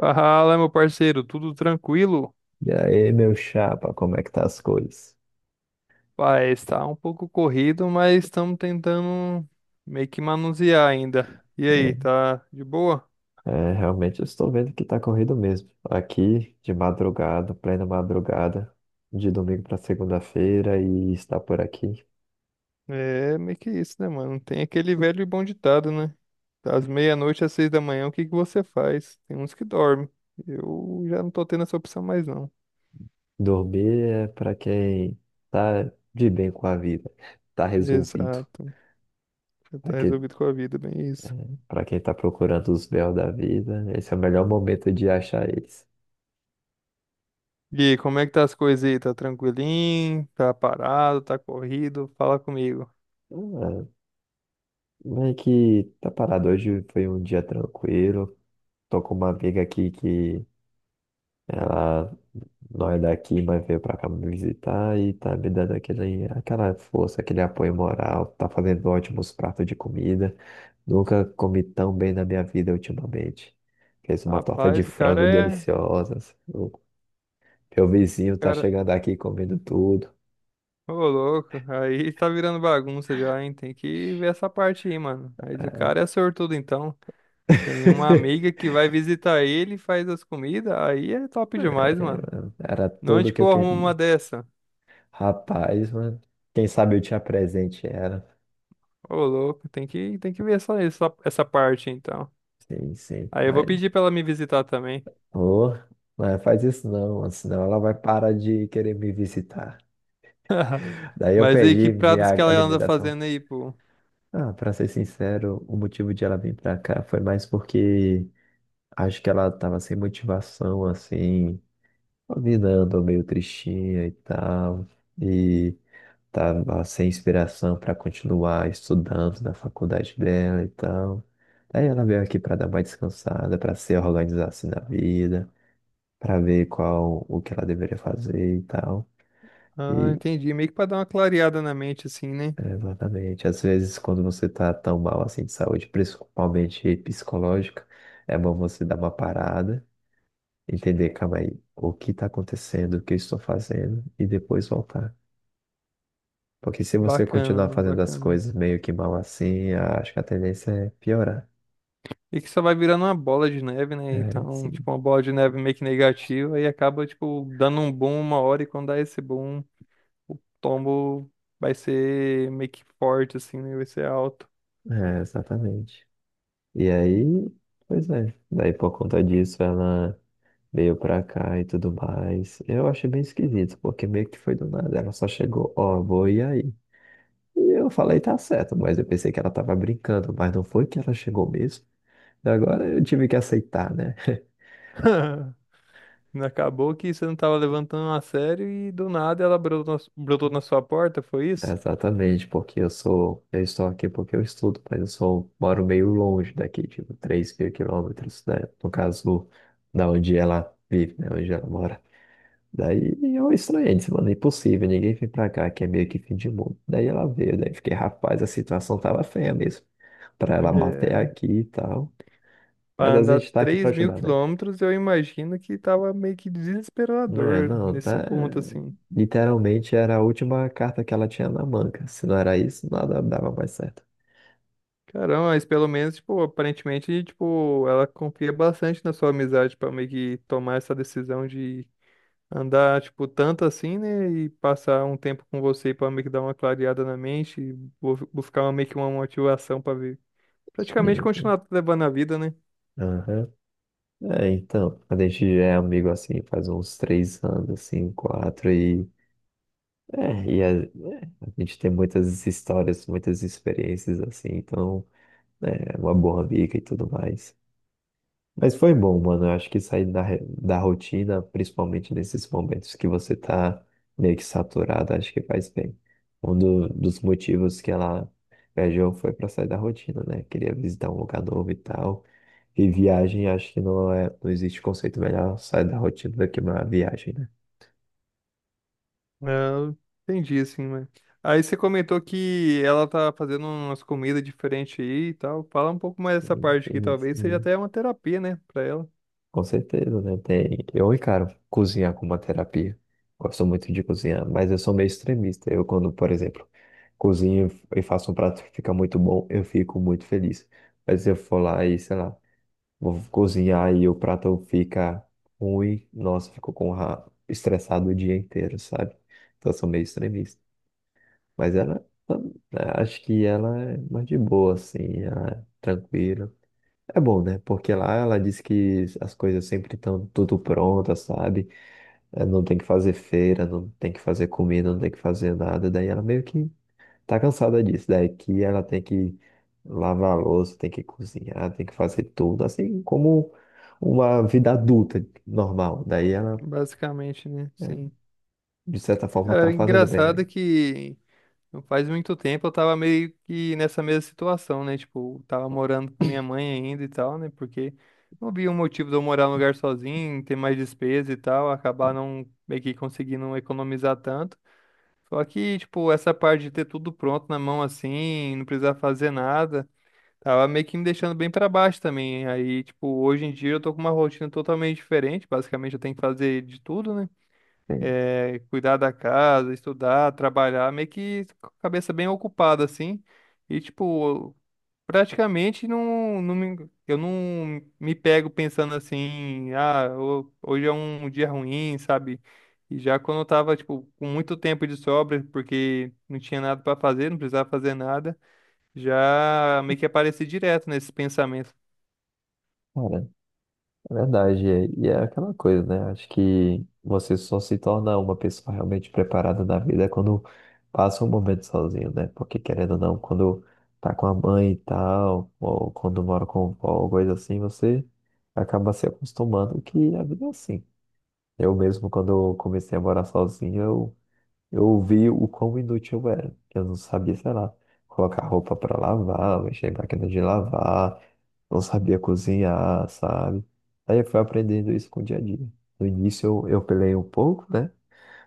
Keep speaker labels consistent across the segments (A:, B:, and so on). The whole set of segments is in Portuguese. A: Fala, meu parceiro, tudo tranquilo?
B: E aí, meu chapa, como é que tá as coisas?
A: Pai, está um pouco corrido, mas estamos tentando meio que manusear ainda. E aí, tá de boa?
B: É, é, realmente eu estou vendo que tá corrido mesmo. Aqui, de madrugada, plena madrugada, de domingo para segunda-feira e está por aqui.
A: É meio que isso, né, mano? Tem aquele velho e bom ditado, né? Das meia-noite às 6 da manhã, o que que você faz? Tem uns que dormem. Eu já não tô tendo essa opção mais, não.
B: Dormir é para quem tá de bem com a vida, tá resolvido.
A: Exato. Já
B: Para
A: tá
B: quem,
A: resolvido com a vida, bem isso.
B: para quem tá procurando os véus da vida, esse é o melhor momento de achar eles.
A: E aí, como é que tá as coisas aí? Tá tranquilinho? Tá parado? Tá corrido? Fala comigo.
B: Ah, meio que tá parado. Hoje foi um dia tranquilo. Tô com uma amiga aqui que ela não é daqui, mas veio pra cá me visitar e tá me dando aquela força, aquele apoio moral, tá fazendo ótimos pratos de comida. Nunca comi tão bem na minha vida ultimamente. Fez uma torta de
A: Rapaz, o cara
B: frango
A: é.
B: deliciosa assim. O Meu vizinho tá
A: Cara,
B: chegando aqui comendo tudo.
A: ô louco, aí tá virando bagunça já, hein? Tem que ver essa parte aí, mano. Mas o cara
B: É.
A: é sortudo, então. Tem uma amiga que vai visitar ele, faz as comidas, aí é top demais,
B: É,
A: mano.
B: mano, era tudo
A: Onde
B: que
A: que
B: eu
A: eu arrumo uma
B: queria.
A: dessa?
B: Rapaz, mano, quem sabe eu te apresente era,
A: Ô louco, tem que ver só essa parte, então.
B: sim, sim,
A: Aí eu vou pedir pra ela me visitar também.
B: oh, mas faz isso não, mano, senão ela vai parar de querer me visitar. Daí eu
A: Mas aí, que
B: perdi minha
A: pratos que ela anda
B: alimentação.
A: fazendo aí, pô?
B: Ah, pra ser sincero, o motivo de ela vir pra cá foi mais porque acho que ela tava sem motivação, assim, a vida andou meio tristinha e tal, e tava sem inspiração pra continuar estudando na faculdade dela e tal. Daí ela veio aqui pra dar uma descansada, pra se organizar assim na vida, pra ver qual o que ela deveria fazer e tal.
A: Ah,
B: E,
A: entendi. Meio que pra dar uma clareada na mente, assim, né?
B: é, exatamente. Às vezes, quando você tá tão mal assim de saúde, principalmente psicológica, é bom você dar uma parada, entender, calma aí, o que tá acontecendo, o que eu estou fazendo, e depois voltar. Porque se você
A: Bacana,
B: continuar
A: mano,
B: fazendo as
A: bacana.
B: coisas meio que mal assim, acho que a tendência é piorar.
A: E que só vai virando uma bola de neve, né?
B: É,
A: Então,
B: sim.
A: tipo, uma bola de neve meio que negativa e acaba, tipo, dando um boom uma hora e quando dá esse boom, o tombo vai ser meio que forte, assim, né? Vai ser alto.
B: É, exatamente. E aí, pois é. Daí, por conta disso, ela veio pra cá e tudo mais. Eu achei bem esquisito, porque meio que foi do nada. Ela só chegou, ó, vou e aí. E eu falei, tá certo, mas eu pensei que ela tava brincando, mas não foi que ela chegou mesmo. E agora eu tive que aceitar, né?
A: Acabou que você não tava levantando a sério e do nada ela brotou, brotou na sua porta, foi isso?
B: Exatamente, porque eu estou aqui porque eu estudo, mas moro meio longe daqui, tipo, 3.000 quilômetros, né? No caso, da onde ela vive, né? Onde ela mora. Daí eu estranhei, disse, mano, é impossível, ninguém vem pra cá, que é meio que fim de mundo. Daí ela veio, daí fiquei, rapaz, a situação tava feia mesmo, pra ela bater
A: É.
B: aqui e tal. Mas
A: Pra
B: a
A: andar
B: gente tá aqui pra
A: 3 mil
B: ajudar, né?
A: quilômetros, eu imagino que tava meio que
B: É,
A: desesperador
B: não,
A: nesse
B: tá.
A: ponto, assim.
B: Literalmente era a última carta que ela tinha na manga. Se não era isso, nada dava mais certo.
A: Caramba, mas pelo menos, tipo, aparentemente, tipo, ela confia bastante na sua amizade pra meio que tomar essa decisão de andar, tipo, tanto assim, né? E passar um tempo com você pra meio que dar uma clareada na mente, e buscar meio que uma motivação pra ver. Praticamente
B: Sim, sim.
A: continuar levando a vida, né?
B: Aham. É, então, a gente já é amigo assim, faz uns 3 anos, assim, quatro, a gente tem muitas histórias, muitas experiências assim, então é uma boa amiga e tudo mais. Mas foi bom, mano. Eu acho que sair da rotina, principalmente nesses momentos que você tá meio que saturado, acho que faz bem. Um dos motivos que ela viajou foi para sair da rotina, né? Queria visitar um lugar novo e tal. E viagem, acho que não é, não existe conceito melhor sair da rotina do que uma viagem, né?
A: Ah, entendi, assim, mas. Aí você comentou que ela tá fazendo umas comidas diferentes aí e tal. Fala um pouco mais dessa
B: Sim,
A: parte aqui,
B: sim,
A: talvez seja
B: sim.
A: até uma terapia, né, pra ela.
B: Com certeza, né? Eu encaro cozinhar como uma terapia. Gosto muito de cozinhar, mas eu sou meio extremista. Eu, quando, por exemplo, cozinho e faço um prato que fica muito bom, eu fico muito feliz. Mas se eu for lá e, sei lá, vou cozinhar e o prato fica ruim, nossa, fico com estressado o dia inteiro, sabe? Então, eu sou meio extremista. Mas ela, tam- Acho que ela é mais de boa, assim, ela é tranquila. É bom, né? Porque lá ela diz que as coisas sempre estão tudo prontas, sabe? Não tem que fazer feira, não tem que fazer comida, não tem que fazer nada. Daí ela meio que tá cansada disso. Daí que ela tem que lavar a louça, tem que cozinhar, tem que fazer tudo, assim como uma vida adulta normal. Daí ela,
A: Basicamente, né?
B: é,
A: Sim.
B: de certa forma, tá
A: Cara,
B: fazendo
A: engraçado é
B: bem.
A: que não faz muito tempo eu tava meio que nessa mesma situação, né? Tipo, tava morando com minha mãe ainda e tal, né? Porque não havia um motivo de eu morar num lugar sozinho, ter mais despesa e tal, acabar não meio que conseguindo economizar tanto. Só que, tipo, essa parte de ter tudo pronto na mão assim, não precisar fazer nada, tava meio que me deixando bem pra baixo também. Aí, tipo, hoje em dia eu tô com uma rotina totalmente diferente, basicamente eu tenho que fazer de tudo, né?
B: Sim,
A: É, cuidar da casa, estudar, trabalhar, meio que com a cabeça bem ocupada, assim. E, tipo, praticamente eu não me pego pensando assim, ah, hoje é um dia ruim, sabe? E já quando eu tava, tipo, com muito tempo de sobra, porque não tinha nada para fazer, não precisava fazer nada, já meio que apareci direto nesses pensamentos.
B: cara. É verdade, e é aquela coisa, né? Acho que você só se torna uma pessoa realmente preparada na vida quando passa um momento sozinho, né? Porque querendo ou não, quando tá com a mãe e tal, ou quando mora com o avô, coisa assim, você acaba se acostumando que a vida é assim. Eu mesmo, quando eu comecei a morar sozinho, eu vi o quão inútil eu era. Eu não sabia, sei lá, colocar roupa pra lavar, mexer em máquina de lavar, não sabia cozinhar, sabe? Aí eu fui aprendendo isso com o dia a dia. No início eu pelei um pouco, né?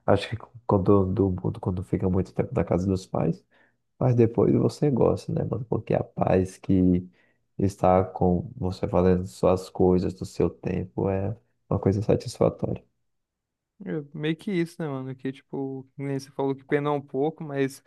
B: Acho que quando fica muito tempo na casa dos pais, mas depois você gosta, né, mano? Porque a paz que está com você fazendo suas coisas do seu tempo é uma coisa satisfatória.
A: É meio que isso, né, mano? Que, tipo, que nem você falou que penou um pouco, mas.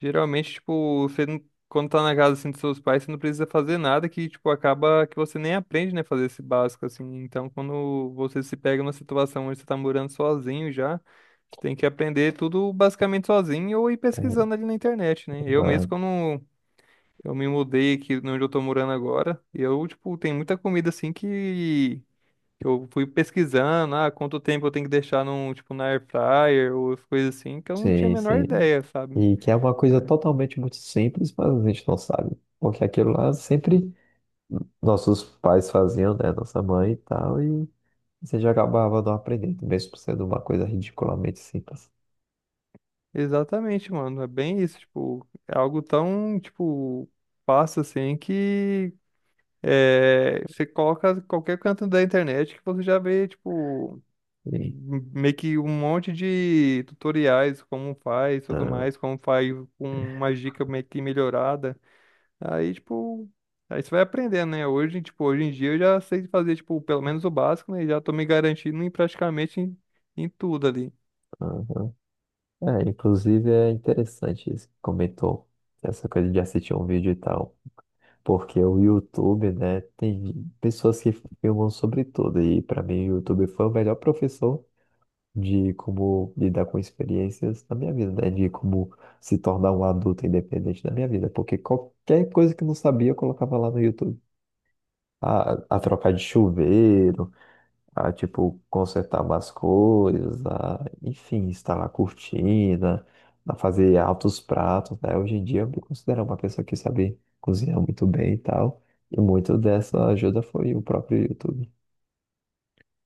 A: Geralmente, tipo, você não, quando tá na casa assim dos seus pais, você não precisa fazer nada que, tipo, acaba que você nem aprende, né, fazer esse básico assim. Então, quando você se pega numa situação onde você tá morando sozinho já, você tem que aprender tudo basicamente sozinho ou ir
B: É,
A: pesquisando ali na internet, né? Eu mesmo,
B: mano,
A: quando eu me mudei aqui de onde eu tô morando agora, eu, tipo, tem muita comida assim que eu fui pesquisando, ah, quanto tempo eu tenho que deixar num, tipo, na air fryer ou as coisas assim, que eu não tinha a
B: sim,
A: menor
B: sim.
A: ideia, sabe?
B: E que é uma coisa
A: É.
B: totalmente muito simples, mas a gente não sabe. Porque aquilo lá sempre nossos pais faziam, né? Nossa mãe e tal, e você já acabava não aprendendo, mesmo sendo uma coisa ridiculamente simples.
A: Exatamente, mano. É bem isso, tipo, é algo tão, tipo, fácil assim que é, você coloca qualquer canto da internet que você já vê, tipo,
B: E,
A: meio que um monte de tutoriais, como faz, tudo
B: ah,
A: mais, como faz com uma dica meio que melhorada. Aí, tipo, aí você vai aprendendo, né? Hoje, tipo, hoje em dia eu já sei fazer, tipo, pelo menos o básico, né? E já tô me garantindo em praticamente, em tudo ali.
B: aham. É, inclusive é interessante isso que comentou, essa coisa de assistir um vídeo e tal. Porque o YouTube, né, tem pessoas que filmam sobre tudo. E para mim o YouTube foi o melhor professor de como lidar com experiências na minha vida, né? De como se tornar um adulto independente na minha vida. Porque qualquer coisa que eu não sabia, eu colocava lá no YouTube. A trocar de chuveiro, a, tipo, consertar umas coisas, a, enfim, instalar cortina, a fazer altos pratos, né? Hoje em dia, eu me considero uma pessoa que sabe cozinhar muito bem e tal. E muito dessa ajuda foi o próprio YouTube.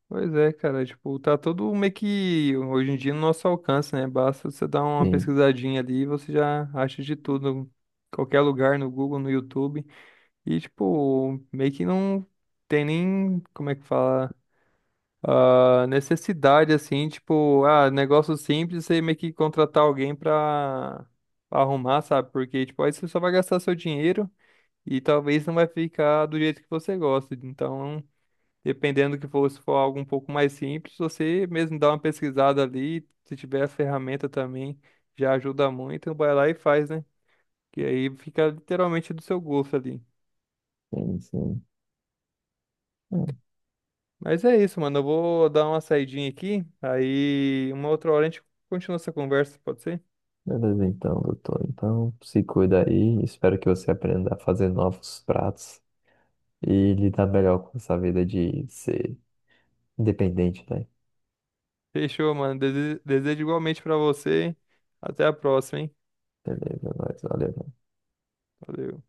A: Pois é, cara, tipo, tá tudo meio que hoje em dia no nosso alcance, né? Basta você dar uma
B: Sim,
A: pesquisadinha ali e você já acha de tudo, qualquer lugar no Google, no YouTube. E, tipo, meio que não tem nem, como é que fala, ah, necessidade, assim, tipo, ah, negócio simples, você meio que contratar alguém pra, pra arrumar, sabe? Porque, tipo, aí você só vai gastar seu dinheiro e talvez não vai ficar do jeito que você gosta. Então. Dependendo do que for, se for algo um pouco mais simples, você mesmo dá uma pesquisada ali, se tiver a ferramenta também, já ajuda muito, vai lá e faz, né? Que aí fica literalmente do seu gosto ali.
B: sim, sim.
A: Mas é isso, mano. Eu vou dar uma saidinha aqui, aí uma outra hora a gente continua essa conversa, pode ser?
B: Beleza, então, doutor. Então, se cuida aí. Espero que você aprenda a fazer novos pratos e lidar melhor com essa vida de ser independente, né?
A: Fechou, mano. Desejo igualmente pra você. Até a próxima, hein?
B: Beleza, nós. Valeu.
A: Valeu.